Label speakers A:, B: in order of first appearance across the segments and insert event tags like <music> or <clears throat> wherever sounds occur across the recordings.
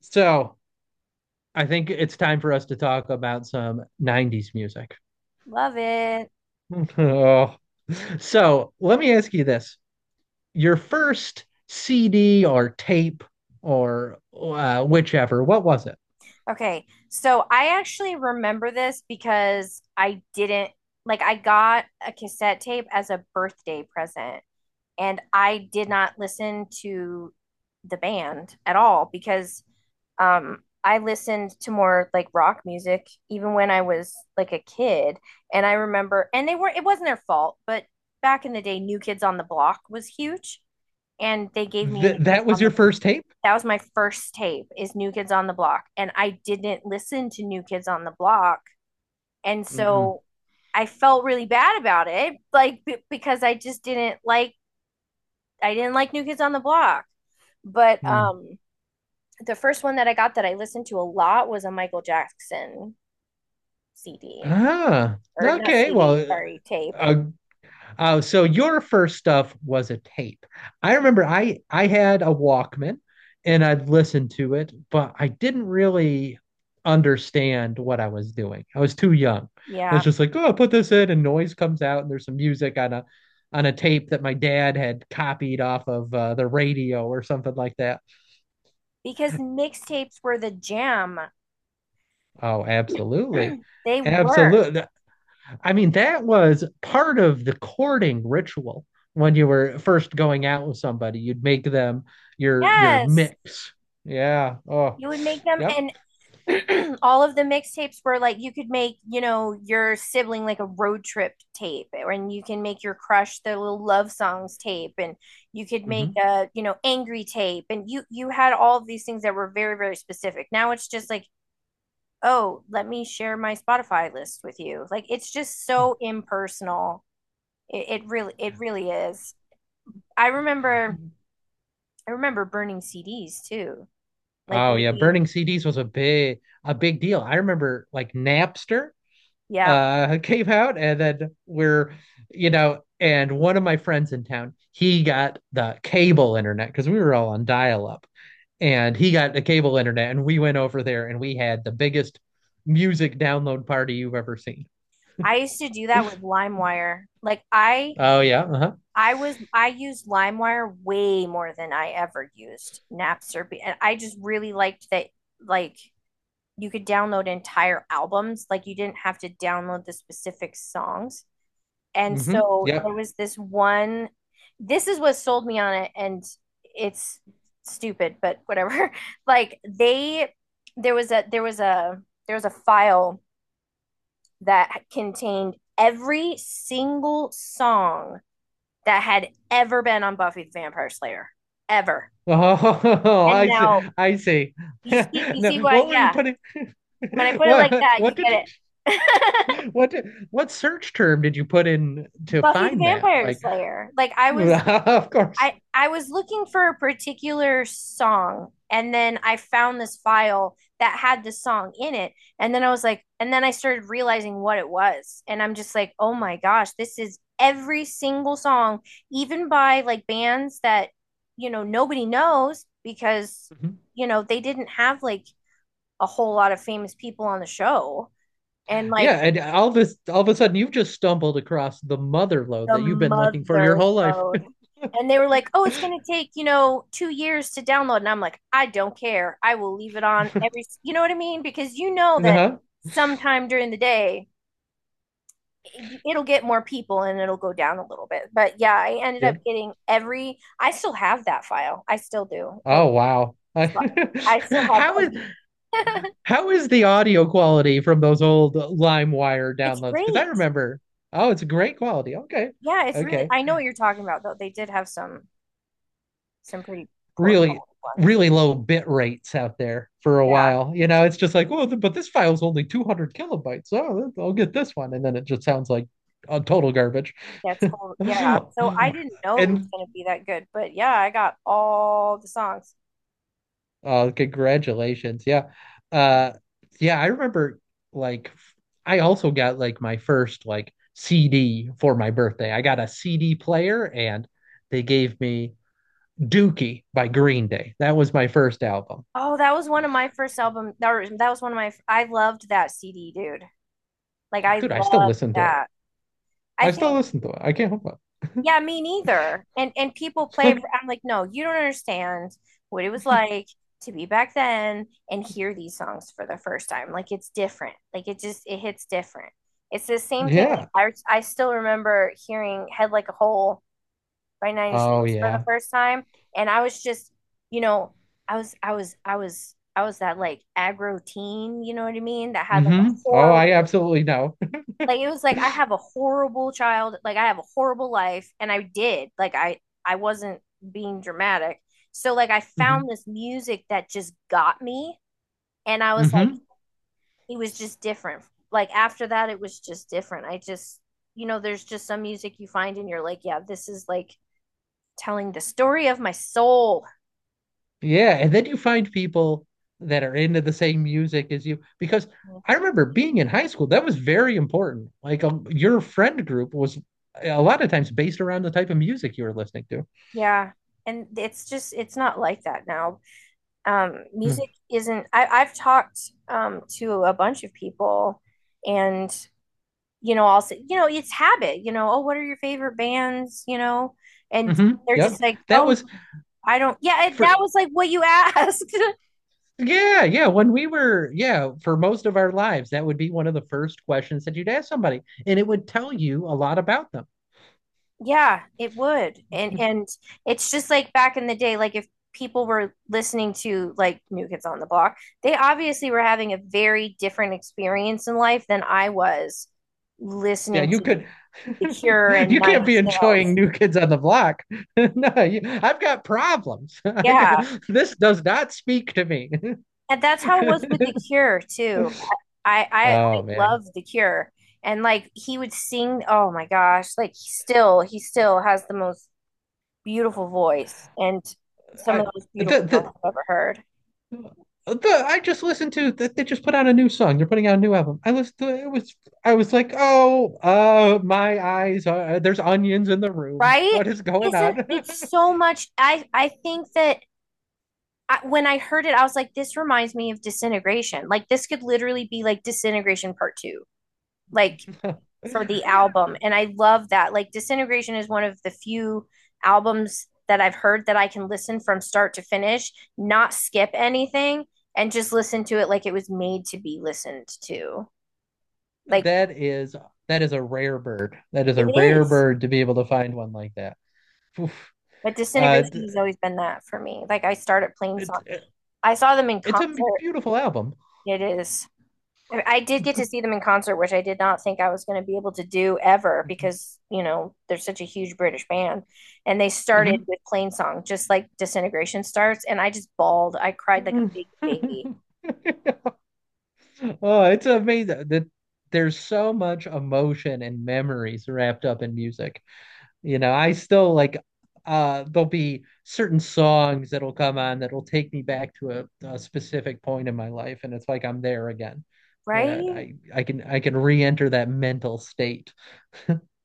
A: So I think it's time for us to talk about some 90s music.
B: Love it.
A: <laughs> Oh. So let me ask you this. Your first CD or tape or whichever, what was it?
B: Okay. So I actually remember this because I didn't like, I got a cassette tape as a birthday present and I did not listen to the band at all because I listened to more like rock music even when I was like a kid. And I remember, and they were, it wasn't their fault, but back in the day New Kids on the Block was huge and they gave me a
A: Th
B: New Kids
A: That was
B: on the—
A: your first tape?
B: that was my first tape, is New Kids on the Block. And I didn't listen to New Kids on the Block. And
A: Mm-mm.
B: so I felt really bad about it, like because I just didn't like, I didn't like New Kids on the Block. But
A: Mm.
B: the first one that I got that I listened to a lot was a Michael Jackson CD.
A: Ah,
B: Or not
A: okay.
B: CD, sorry, tape.
A: Uh, so your first stuff was a tape. I remember I had a Walkman and I'd listen to it, but I didn't really understand what I was doing. I was too young. I was
B: Yeah,
A: just like, oh, put this in, and noise comes out, and there's some music on a tape that my dad had copied off of the radio or something like that.
B: because mixtapes were the jam.
A: Oh, absolutely.
B: <clears throat> They were.
A: Absolutely. I mean, that was part of the courting ritual when you were first going out with somebody. You'd make them your
B: Yes.
A: mix. Yeah. Oh,
B: You would make them,
A: yep.
B: and <clears throat> all of the mixtapes were like, you could make, you know, your sibling like a road trip tape, eh, and you can make your crush the little love songs tape, and you could make
A: hmm
B: a, you know, angry tape, and you had all of these things that were very, very specific. Now it's just like, oh, let me share my Spotify list with you. Like, it's just so impersonal. It really, it really is. I remember, I remember burning CDs too, like
A: Oh yeah,
B: making.
A: burning CDs was a big deal. I remember like Napster
B: Yeah,
A: <laughs> came out and then we're you know and one of my friends in town, he got the cable internet because we were all on dial up and he got the cable internet and we went over there and we had the biggest music download party you've ever seen.
B: I used to do that with LimeWire. Like I
A: Oh yeah, uh-huh.
B: I was, I used LimeWire way more than I ever used Napster, and I just really liked that, like, you could download entire albums, like you didn't have to download the specific songs. And
A: Mm-hmm,
B: so
A: yeah.
B: there was this one, this is what sold me on it, and it's stupid, but whatever. <laughs> Like they, there was a there was a there was a file that contained every single song that had ever been on Buffy the Vampire Slayer ever.
A: Oh, <laughs>
B: And
A: I see.
B: now
A: I see. <laughs>
B: you
A: No,
B: see
A: what
B: what?
A: were you
B: Yeah,
A: putting?
B: when I
A: <laughs>
B: put it like
A: what
B: that, you
A: what did you
B: get it.
A: what did, what search term did you put in
B: <laughs>
A: to
B: Buffy the
A: find that
B: Vampire
A: like?
B: Slayer. Like I
A: <laughs>
B: was,
A: Of course.
B: I was looking for a particular song, and then I found this file that had the song in it, and then I was like, and then I started realizing what it was, and I'm just like, oh my gosh, this is every single song, even by like bands that, you know, nobody knows because,
A: Mhm.
B: you know, they didn't have like a whole lot of famous people on the show. And like
A: Yeah, and all this all of a sudden you've just stumbled across the mother load
B: the
A: that you've been looking for your
B: mother—
A: whole life. <laughs>
B: and they were like, oh, it's going to take, you know, 2 years to download. And I'm like, I don't care. I will leave it on every, you know what I mean? Because you know that
A: Uh-huh.
B: sometime during the day, it'll get more people and it'll go down a little bit. But yeah, I ended
A: Yeah.
B: up getting every, I still have that file. I still do. Like,
A: Oh wow. <laughs>
B: I still have,
A: How is the audio quality from those old LimeWire
B: <laughs> it's
A: downloads? Because I
B: great.
A: remember, oh, it's great quality. Okay.
B: Yeah, it's really,
A: Okay.
B: I know what you're talking about though. They did have some pretty poor
A: Really,
B: quality ones.
A: really low bit rates out there for a
B: Yeah.
A: while. You know, it's just like, well, but this file's only 200 kilobytes. Oh, I'll get this one. And then it just sounds like total garbage.
B: That's whole,
A: <laughs>
B: yeah. So I didn't know it was
A: And
B: gonna be that good, but yeah, I got all the songs.
A: congratulations. Yeah. Uh, yeah, I remember like I also got like my first like CD for my birthday. I got a CD player and they gave me Dookie by Green Day. That was my first album.
B: Oh, that was one of my first album. That was one of my. I loved that CD, dude. Like I
A: Dude, I still
B: loved
A: listen to it.
B: that. I
A: I
B: think,
A: still listen to it. I can't help
B: yeah, me neither. And people play
A: it.
B: it.
A: <laughs>
B: For, I'm like, no, you don't understand what it was like to be back then and hear these songs for the first time. Like it's different. Like it just, it hits different. It's the same thing.
A: Yeah.
B: Like, I still remember hearing Head Like a Hole by Nine Inch
A: Oh
B: Nails for the
A: yeah.
B: first time. And I was just, you know, I was that like aggro teen, you know what I mean? That had like a
A: Mm-hmm. Oh, I
B: horrible,
A: absolutely know.
B: like it was like I
A: <laughs>
B: have a horrible child, like I have a horrible life, and I did, like I wasn't being dramatic. So like I
A: Mm-hmm.
B: found this music that just got me, and I was like,
A: Mm-hmm.
B: it was just different. Like after that, it was just different. I just, you know, there's just some music you find and you're like, yeah, this is like telling the story of my soul.
A: Yeah, and then you find people that are into the same music as you because I remember being in high school, that was very important. Like your friend group was a lot of times based around the type of music you were listening to.
B: Yeah. And it's just, it's not like that now. Music isn't, I've talked to a bunch of people. And you know, I'll say, you know, it's habit, you know, oh, what are your favorite bands, you know? And
A: Mm-hmm.
B: they're just
A: Yep.
B: like,
A: That
B: oh,
A: was
B: I don't, yeah, it, that
A: for
B: was like what you asked. <laughs>
A: yeah, yeah, when we were yeah, For most of our lives, that would be one of the first questions that you'd ask somebody, and it would tell you a lot about them.
B: Yeah, it would. And it's just like back in the day, like if people were listening to like New Kids on the Block, they obviously were having a very different experience in life than I was
A: Yeah,
B: listening
A: you
B: to
A: could.
B: The Cure
A: <laughs>
B: and
A: You
B: Nine
A: can't
B: Inch
A: be
B: Nails.
A: enjoying New Kids on the Block. <laughs> no, you, I've got problems. <laughs> I've got,
B: Yeah.
A: this does not speak to me.
B: And that's how it was with The
A: <laughs>
B: Cure too. I
A: Oh man,
B: love The Cure. And like he would sing, oh my gosh, like he still, he still has the most beautiful voice and some of
A: I
B: the most
A: the
B: beautiful songs
A: the.
B: I've ever heard.
A: I just listened to that they just put out a new song. They're putting out a new album. I listened to it, it was I was like, oh, my eyes are there's onions in the room.
B: Right?
A: What is going
B: Isn't
A: on?
B: it's so much? I think that I, when I heard it, I was like, this reminds me of Disintegration. Like this could literally be like Disintegration Part Two, like
A: <laughs>
B: for
A: And
B: the
A: then
B: album. And I love that. Like Disintegration is one of the few albums that I've heard that I can listen from start to finish, not skip anything, and just listen to it like it was made to be listened to. Like
A: that is that is a rare bird. That is a
B: it
A: rare
B: is.
A: bird to be able to find one like that. Oof.
B: But
A: Uh,
B: Disintegration has always been that for me. Like I started playing
A: it,
B: songs.
A: it,
B: I saw them in
A: it's a
B: concert.
A: beautiful album.
B: It is. I did get to see them in concert, which I did not think I was going to be able to do ever because, you know, they're such a huge British band. And they started
A: Mhm.
B: with Plain Song, just like Disintegration starts. And I just bawled. I cried like a
A: Mhm.
B: big baby,
A: <laughs> Oh, it's amazing that there's so much emotion and memories wrapped up in music. You know, I still like there'll be certain songs that'll come on that'll take me back to a specific point in my life and it's like I'm there again. Uh,
B: right?
A: I can I can re-enter that mental state.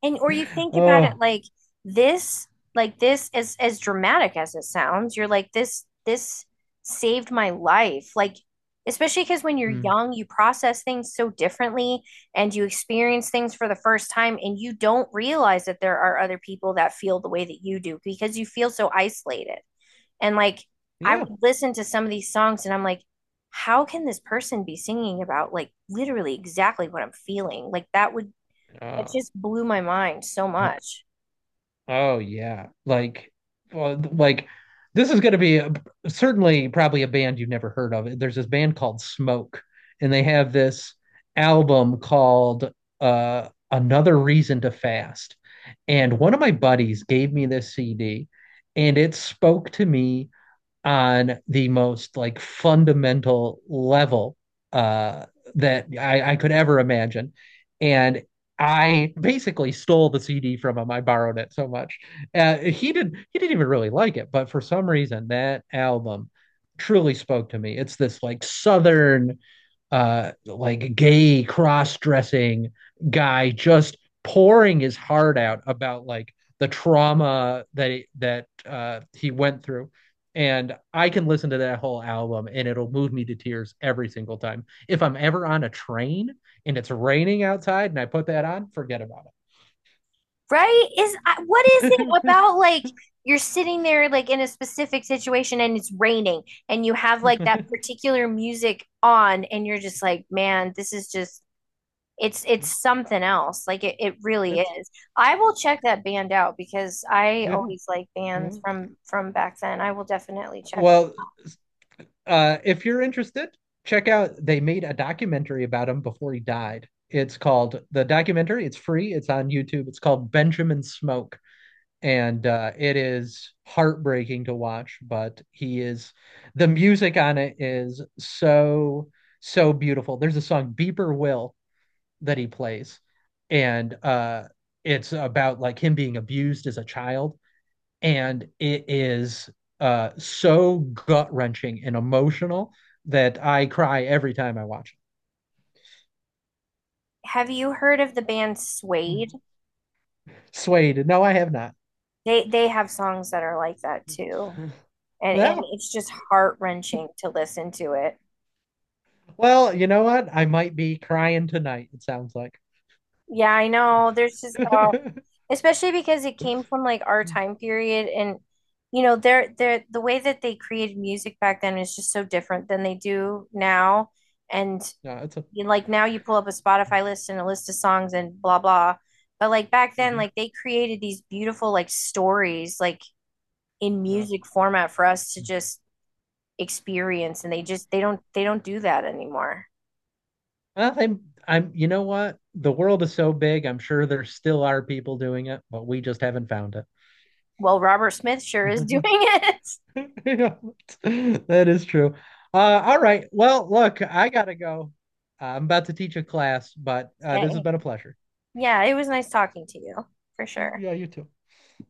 B: And or you
A: <laughs>
B: think about it
A: Oh,
B: like this, like this, as dramatic as it sounds, you're like, this saved my life. Like especially because when you're
A: mm,
B: young, you process things so differently and you experience things for the first time and you don't realize that there are other people that feel the way that you do because you feel so isolated. And like I
A: yeah.
B: would listen to some of these songs and I'm like, how can this person be singing about like literally exactly what I'm feeling? Like that would, it
A: Uh,
B: just blew my mind so much.
A: Oh yeah, well, like this is going to be certainly probably a band you've never heard of. There's this band called Smoke, and they have this album called "Another Reason to Fast." And one of my buddies gave me this CD, and it spoke to me on the most like fundamental level uh, that I could ever imagine. And I basically stole the CD from him. I borrowed it so much. He didn't even really like it, but for some reason that album truly spoke to me. It's this like southern like gay cross-dressing guy just pouring his heart out about like the trauma that he went through and I can listen to that whole album and it'll move me to tears every single time. If I'm ever on a train and it's raining outside and I put that on, forget about
B: Right? Is what is it
A: it.
B: about like you're sitting there like in a specific situation and it's raining and you have like that
A: <laughs>
B: particular music on and you're just like, man, this is just, it's something else. Like it really
A: It's
B: is. I will check that band out because I
A: yeah.
B: always like bands from back then. I will definitely check.
A: Well, if you're interested, check out they made a documentary about him before he died. It's called the documentary. It's free. It's on YouTube. It's called Benjamin Smoke, and it is heartbreaking to watch. But he is the music on it is so so beautiful. There's a song Beeper Will that he plays, and it's about like him being abused as a child and it is so gut wrenching and emotional that I cry every time I watch
B: Have you heard of the band
A: it. Mm.
B: Suede?
A: Swayed, no, I have not. <laughs>
B: They have songs that are like that too. And
A: Mm. Well,
B: it's just heart wrenching to listen to it.
A: well, you know what? I might be crying tonight. It sounds like.
B: Yeah, I know. There's
A: <laughs>
B: just
A: No,
B: especially because it came from like our time period. And you know, they're the way that they created music back then is just so different than they do now. And
A: it's a.
B: you know, like now, you pull up a Spotify list and a list of songs and blah blah. But like back then,
A: mhm,
B: like they created these beautiful like stories like in
A: uh,
B: music format for us to just experience, and they
A: well,
B: just they don't do that anymore.
A: I'm, I'm. You know what? The world is so big. I'm sure there still are people doing it, but we just haven't found
B: Well, Robert Smith sure is doing
A: it. <laughs>
B: it. <laughs>
A: <laughs> Yeah, that is true. All right. Well, look, I gotta go. I'm about to teach a class, but this has
B: Okay.
A: been a pleasure.
B: Yeah, it was nice talking to you for sure.
A: Yeah, you too.